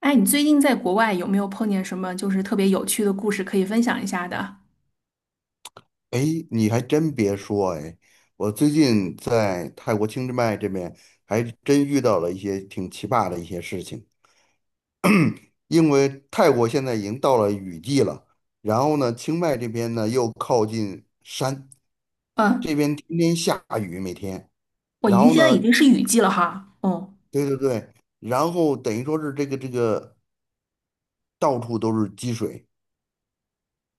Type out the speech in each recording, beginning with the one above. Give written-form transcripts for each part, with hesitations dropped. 哎，你最近在国外有没有碰见什么就是特别有趣的故事可以分享一下的？哎，你还真别说，哎，我最近在泰国清迈这边还真遇到了一些挺奇葩的事情。因为泰国现在已经到了雨季了，然后呢，清迈这边呢又靠近山，这嗯，边天天下雨，每天。我已然经后现在已呢，经是雨季了哈。哦，对对对，然后等于说是这个到处都是积水，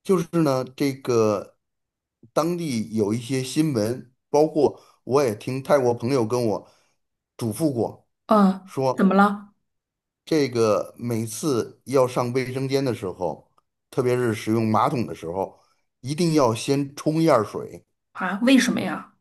就是呢，这个当地有一些新闻，包括我也听泰国朋友跟我嘱咐过，嗯，怎说么了？这个每次要上卫生间的时候，特别是使用马桶的时候，一定要先冲一下水，啊？为什么呀？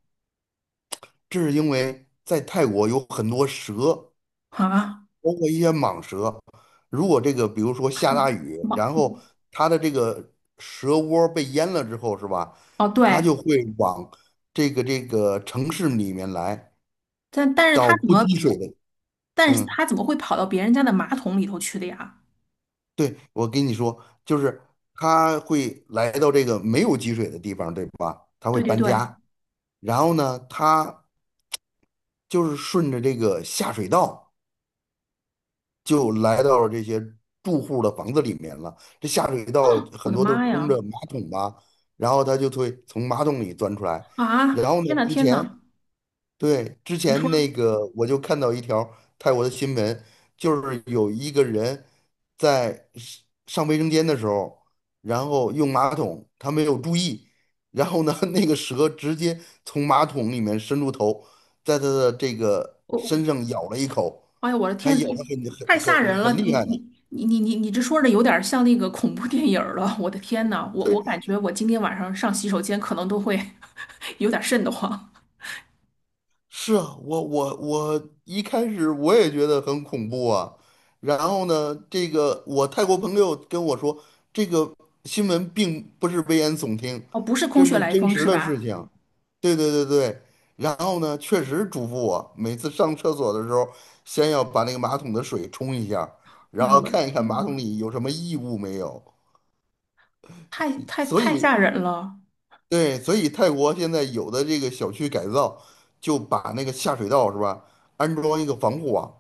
这是因为在泰国有很多蛇，啊？包括一些蟒蛇，如果这个比如说下大雨，马然后它的这个蛇窝被淹了之后，是吧？哦，它对，就会往这个城市里面来，但但是到他怎不么，积水的。但是嗯，他怎么会跑到别人家的马桶里头去的呀？对，我跟你说，就是它会来到这个没有积水的地方，对吧？它会对对搬对，家，然后呢，它就是顺着这个下水道。就来到了这些住户的房子里面了。这下水道嗯，我很的多都是妈通呀！着马桶吧，然后它就会从马桶里钻出来。啊，然后天呢，呐之天前呐，对，之你说。前那个我就看到一条泰国的新闻，就是有一个人在上卫生间的时候，然后用马桶，他没有注意，然后呢，那个蛇直接从马桶里面伸出头，在他的这个我。身上咬了一口，哎呀，我的还天，咬你得很太吓很很人了！很你厉害呢。你你你你你这说的有点像那个恐怖电影儿了。我的天呐，我感觉我今天晚上上洗手间可能都会 有点瘆得慌。是啊，我一开始我也觉得很恐怖啊，然后呢，这个我泰国朋友跟我说，这个新闻并不是危言耸听，哦，不是空这穴是来真风实是的事吧？情。对对对对，然后呢，确实嘱咐我每次上厕所的时候，先要把那个马桶的水冲一下，哎然呀，后我的看一看天马呐，桶里有什么异物没有。太太所太以。吓人了。对，所以泰国现在有的这个小区改造，就把那个下水道是吧，安装一个防护网，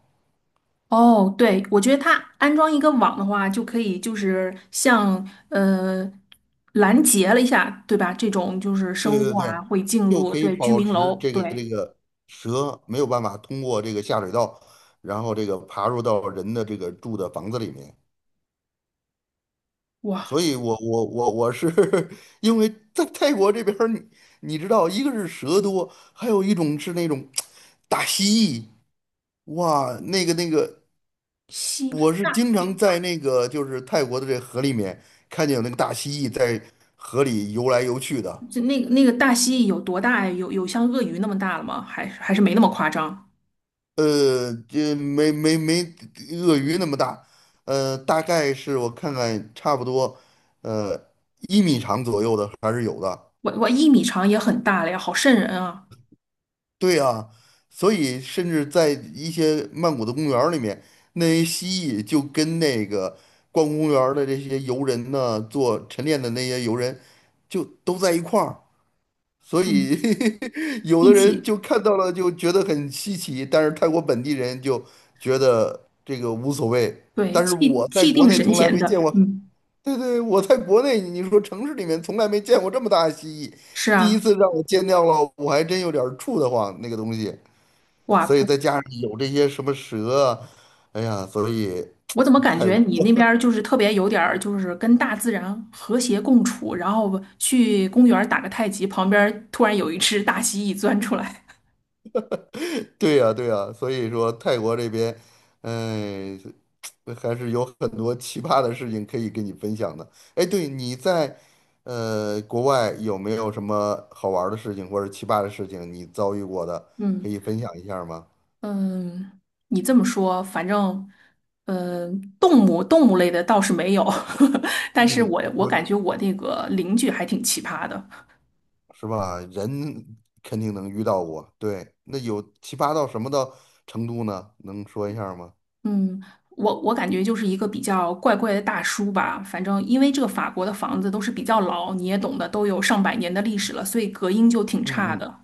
哦，对，我觉得它安装一个网的话，就可以就是像呃拦截了一下，对吧？这种就是对生对物对，啊会进就入可以对居保民持楼，这个对，这个蛇没有办法通过这个下水道，然后这个爬入到人的这个住的房子里面。所哇，以我是 因为在泰国这边儿你，你知道，一个是蛇多，还有一种是那种大蜥蜴，哇，那个西。我是那。经常在那个就是泰国的这河里面看见有那个大蜥蜴在河里游来游去的。就那个大蜥蜴有多大呀？有像鳄鱼那么大了吗？还是没那么夸张？这没鳄鱼那么大，大概是我看看差不多，呃，一米长左右的还是有的。我1米长也很大了呀，好瘆人啊！对啊，所以甚至在一些曼谷的公园儿里面，那些蜥蜴就跟那个逛公园儿的这些游人呢，做晨练的那些游人，就都在一块儿。所嗯，以 有一的人起，就看到了就觉得很稀奇，但是泰国本地人就觉得这个无所谓。对，但是气我在气国定内神从来闲没见的，过，嗯，对对，我在国内你说城市里面从来没见过这么大的蜥蜴，是第啊，一次让我见到了，我还真有点儿怵得慌那个东西。哇，所以不，再加上有这些什么蛇啊，哎呀，所以我怎么感泰觉国。你那边儿就是特别有点儿就是跟大自然和谐共处，然后去公园儿打个太极，旁边儿突然有一只大蜥蜴钻出来，对呀，对呀，所以说泰国这边，哎，还是有很多奇葩的事情可以跟你分享的。哎，对，你在国外有没有什么好玩儿的事情或者奇葩的事情你遭遇过的，可嗯。以分享一下儿吗？嗯，你这么说，反正，呃，动物类的倒是没有，但是嗯，我感我觉我那个邻居还挺奇葩的。是吧？人肯定能遇到过。对，那有奇葩到什么的程度呢？能说一下儿吗？嗯，我感觉就是一个比较怪怪的大叔吧。反正因为这个法国的房子都是比较老，你也懂得，都有上百年的历史了，所以隔音就挺差嗯嗯的。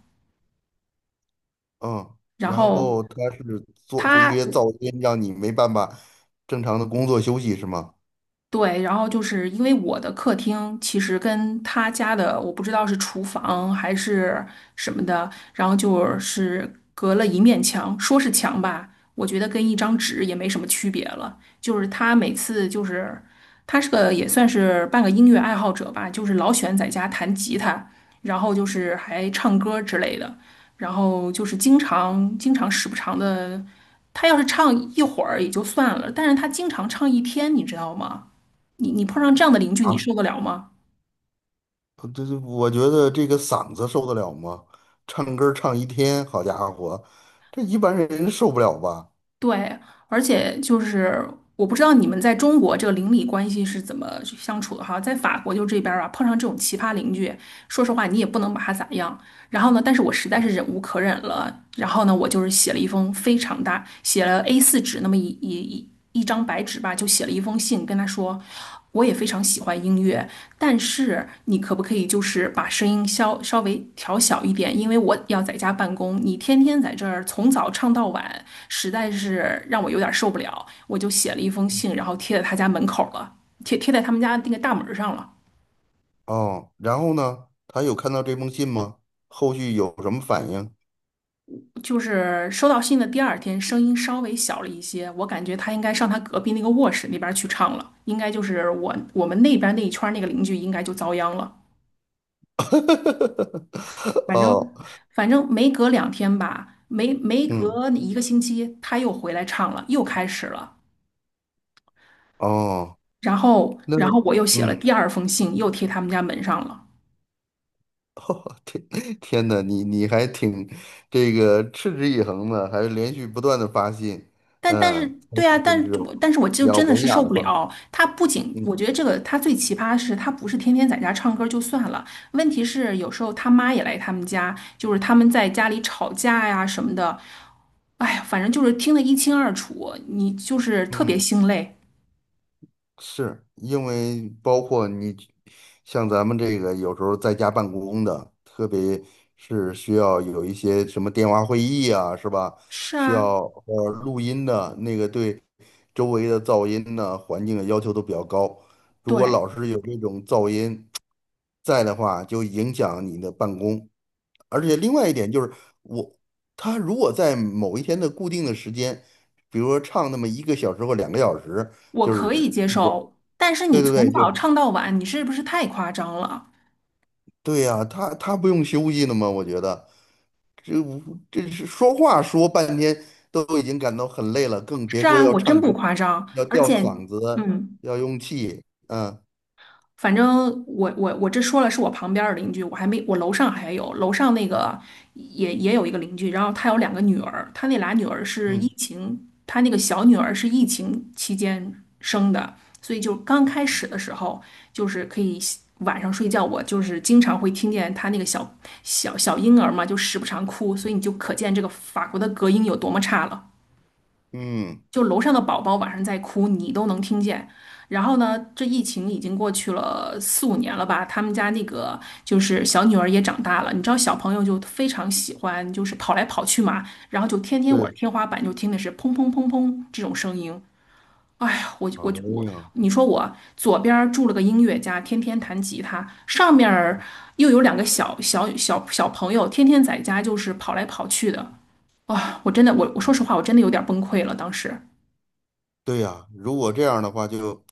嗯，然然后后他是做出一他些噪音，让你没办法正常的工作休息，是吗？对，然后就是因为我的客厅其实跟他家的，我不知道是厨房还是什么的，然后就是隔了一面墙，说是墙吧，我觉得跟一张纸也没什么区别了。就是他每次就是他是个也算是半个音乐爱好者吧，就是老喜欢在家弹吉他，然后就是还唱歌之类的，然后就是经常时不常的，他要是唱一会儿也就算了，但是他经常唱一天，你知道吗？你碰上这样的邻居，你啊，受得了吗？这，我觉得这个嗓子受得了吗？唱歌儿唱一天，好家伙，这一般人受不了吧？对，而且就是我不知道你们在中国这个邻里关系是怎么去相处的哈，在法国就这边儿啊，碰上这种奇葩邻居，说实话你也不能把他咋样。然后呢，但是我实在是忍无可忍了，然后呢，我就是写了一封非常大，写了 A4纸那么一张白纸吧，就写了一封信，跟他说，我也非常喜欢音乐，但是你可不可以就是把声音稍微调小一点，因为我要在家办公，你天天在这儿从早唱到晚，实在是让我有点受不了。我就写了一封信，然后贴在他家门口了，贴在他们家那个大门上了。哦，然后呢，他有看到这封信吗？后续有什么反应？就是收到信的第二天，声音稍微小了一些，我感觉他应该上他隔壁那个卧室那边去唱了，应该就是我们那边那一圈那个邻居应该就遭殃了。反哦，正反正没隔两天吧，没嗯，隔一个星期，他又回来唱了，又开始了。哦，然后那，然后我又写了嗯。第二封信，又贴他们家门上了。天天呐，你你还挺这个持之以恒的，还连续不断的发信，但是嗯，才是对啊，但真是挚我但是我就有真的文是雅受的不方式，了。他不仅我嗯觉得这个他最奇葩的是，他不是天天在家唱歌就算了，问题是有时候他妈也来他们家，就是他们在家里吵架呀什么的。哎呀，反正就是听得一清二楚，你就是特别嗯。心累。是因为包括你像咱们这个有时候在家办公的，特别是需要有一些什么电话会议啊，是吧？是需啊，要录音的那个对周围的噪音呢、环境的要求都比较高。如果对。老是有这种噪音在的话，就影响你的办公。而且另外一点就是，我他如果在某一天的固定的时间，比如说唱那么一个小时或两个小时。我就可以是接去这，受，但是你对对从对，就早唱到晚，你是不是太夸张了？对呀、他不用休息的吗？我觉得这这是说话说半天都已经感到很累了，更别是说啊，要我真唱不歌，夸张，要而吊且，嗓子，嗯，要用气，嗯反正我这说了是我旁边儿的邻居，我还没我楼上还有楼上那个也有一个邻居，然后他有两个女儿，他那俩女儿是疫嗯情，他那个小女儿是疫情期间生的，所以就刚开始的时候就是可以晚上睡觉，我就是经常会听见他那个小婴儿嘛，就时不常哭，所以你就可见这个法国的隔音有多么差了。嗯，就楼上的宝宝晚上在哭，你都能听见。然后呢，这疫情已经过去了四五年了吧，他们家那个就是小女儿也长大了，你知道小朋友就非常喜欢就是跑来跑去嘛，然后就天天我的对，天花板就听的是砰砰砰砰这种声音。哎呀，我哎我我，呀，你说我左边儿住了个音乐家，天天弹吉他，上面儿又有两个小朋友，天天在家就是跑来跑去的。啊、我真的，我说实话，我真的有点崩溃了。当时对呀、如果这样的话，就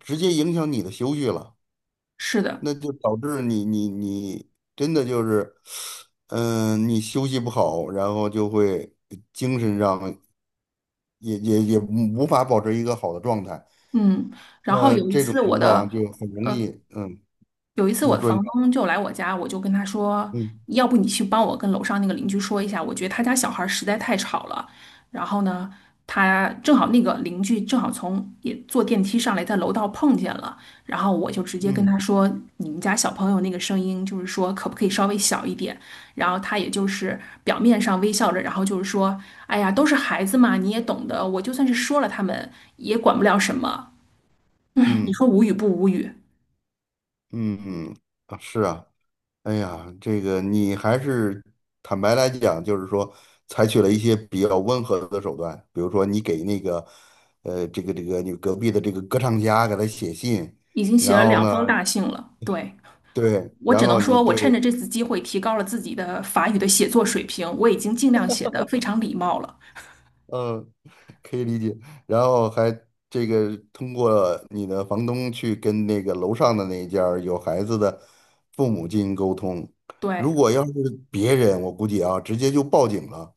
直接影响你的休息了，是的，那就导致你真的就是，嗯、你休息不好，然后就会精神上。也无法保持一个好的状态。嗯，然后那有一这种次我情况的，就很容易，呃，嗯，有一次我你的说你房说，东就来我家，我就跟他说，嗯要不你去帮我跟楼上那个邻居说一下，我觉得他家小孩儿实在太吵了。然后呢，他正好那个邻居正好从也坐电梯上来，在楼道碰见了，然后我就直接跟嗯他说，你们家小朋友那个声音，就是说可不可以稍微小一点？然后他也就是表面上微笑着，然后就是说，哎呀，都是孩子嘛，你也懂得，我就算是说了他们，也管不了什么。你说嗯无语不无语？嗯嗯，啊是啊，哎呀，这个你还是坦白来讲，就是说采取了一些比较温和的手段，比如说你给那个，这个你隔壁的这个歌唱家给他写信，已经写然了后两呢，封大信了。对，对，我然只能后你说，我趁着对。这次机会提高了自己的法语的写作水平，我已经尽量写的非常礼貌了。嗯，可以理解。然后还这个通过你的房东去跟那个楼上的那一家儿有孩子的父母进行沟通。对，如果要是别人，我估计啊，直接就报警了，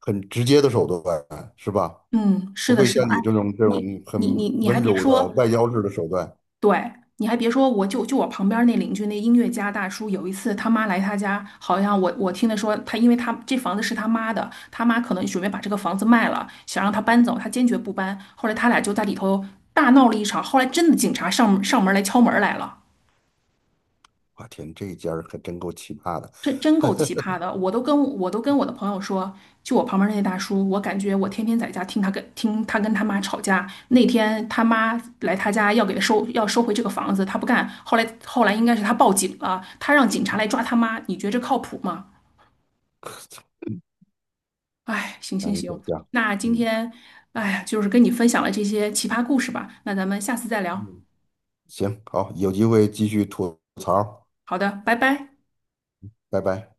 很直接的手段，是吧？嗯，是不的，会是的。像哎，你这种你你你很你还温别柔的说，外交式的手段。对，你还别说，我就我旁边那邻居那音乐家大叔，有一次他妈来他家，好像我听他说他，因为他这房子是他妈的，他妈可能准备把这个房子卖了，想让他搬走，他坚决不搬。后来他俩就在里头大闹了一场，后来真的警察上门来敲门来了。我天，这一家儿可真够奇葩的，真够奇葩的，我都跟我的朋友说，就我旁边那些大叔，我感觉我天天在家听他跟他妈吵架。那天他妈来他家要给他收回这个房子，他不干。后来应该是他报警了，他让警察来抓他妈。你觉得这靠谱吗？哎，行行难以想行，象。那今嗯天哎呀，就是跟你分享了这些奇葩故事吧。那咱们下次再聊。嗯，行，好，有机会继续吐槽，好的，拜拜。拜拜。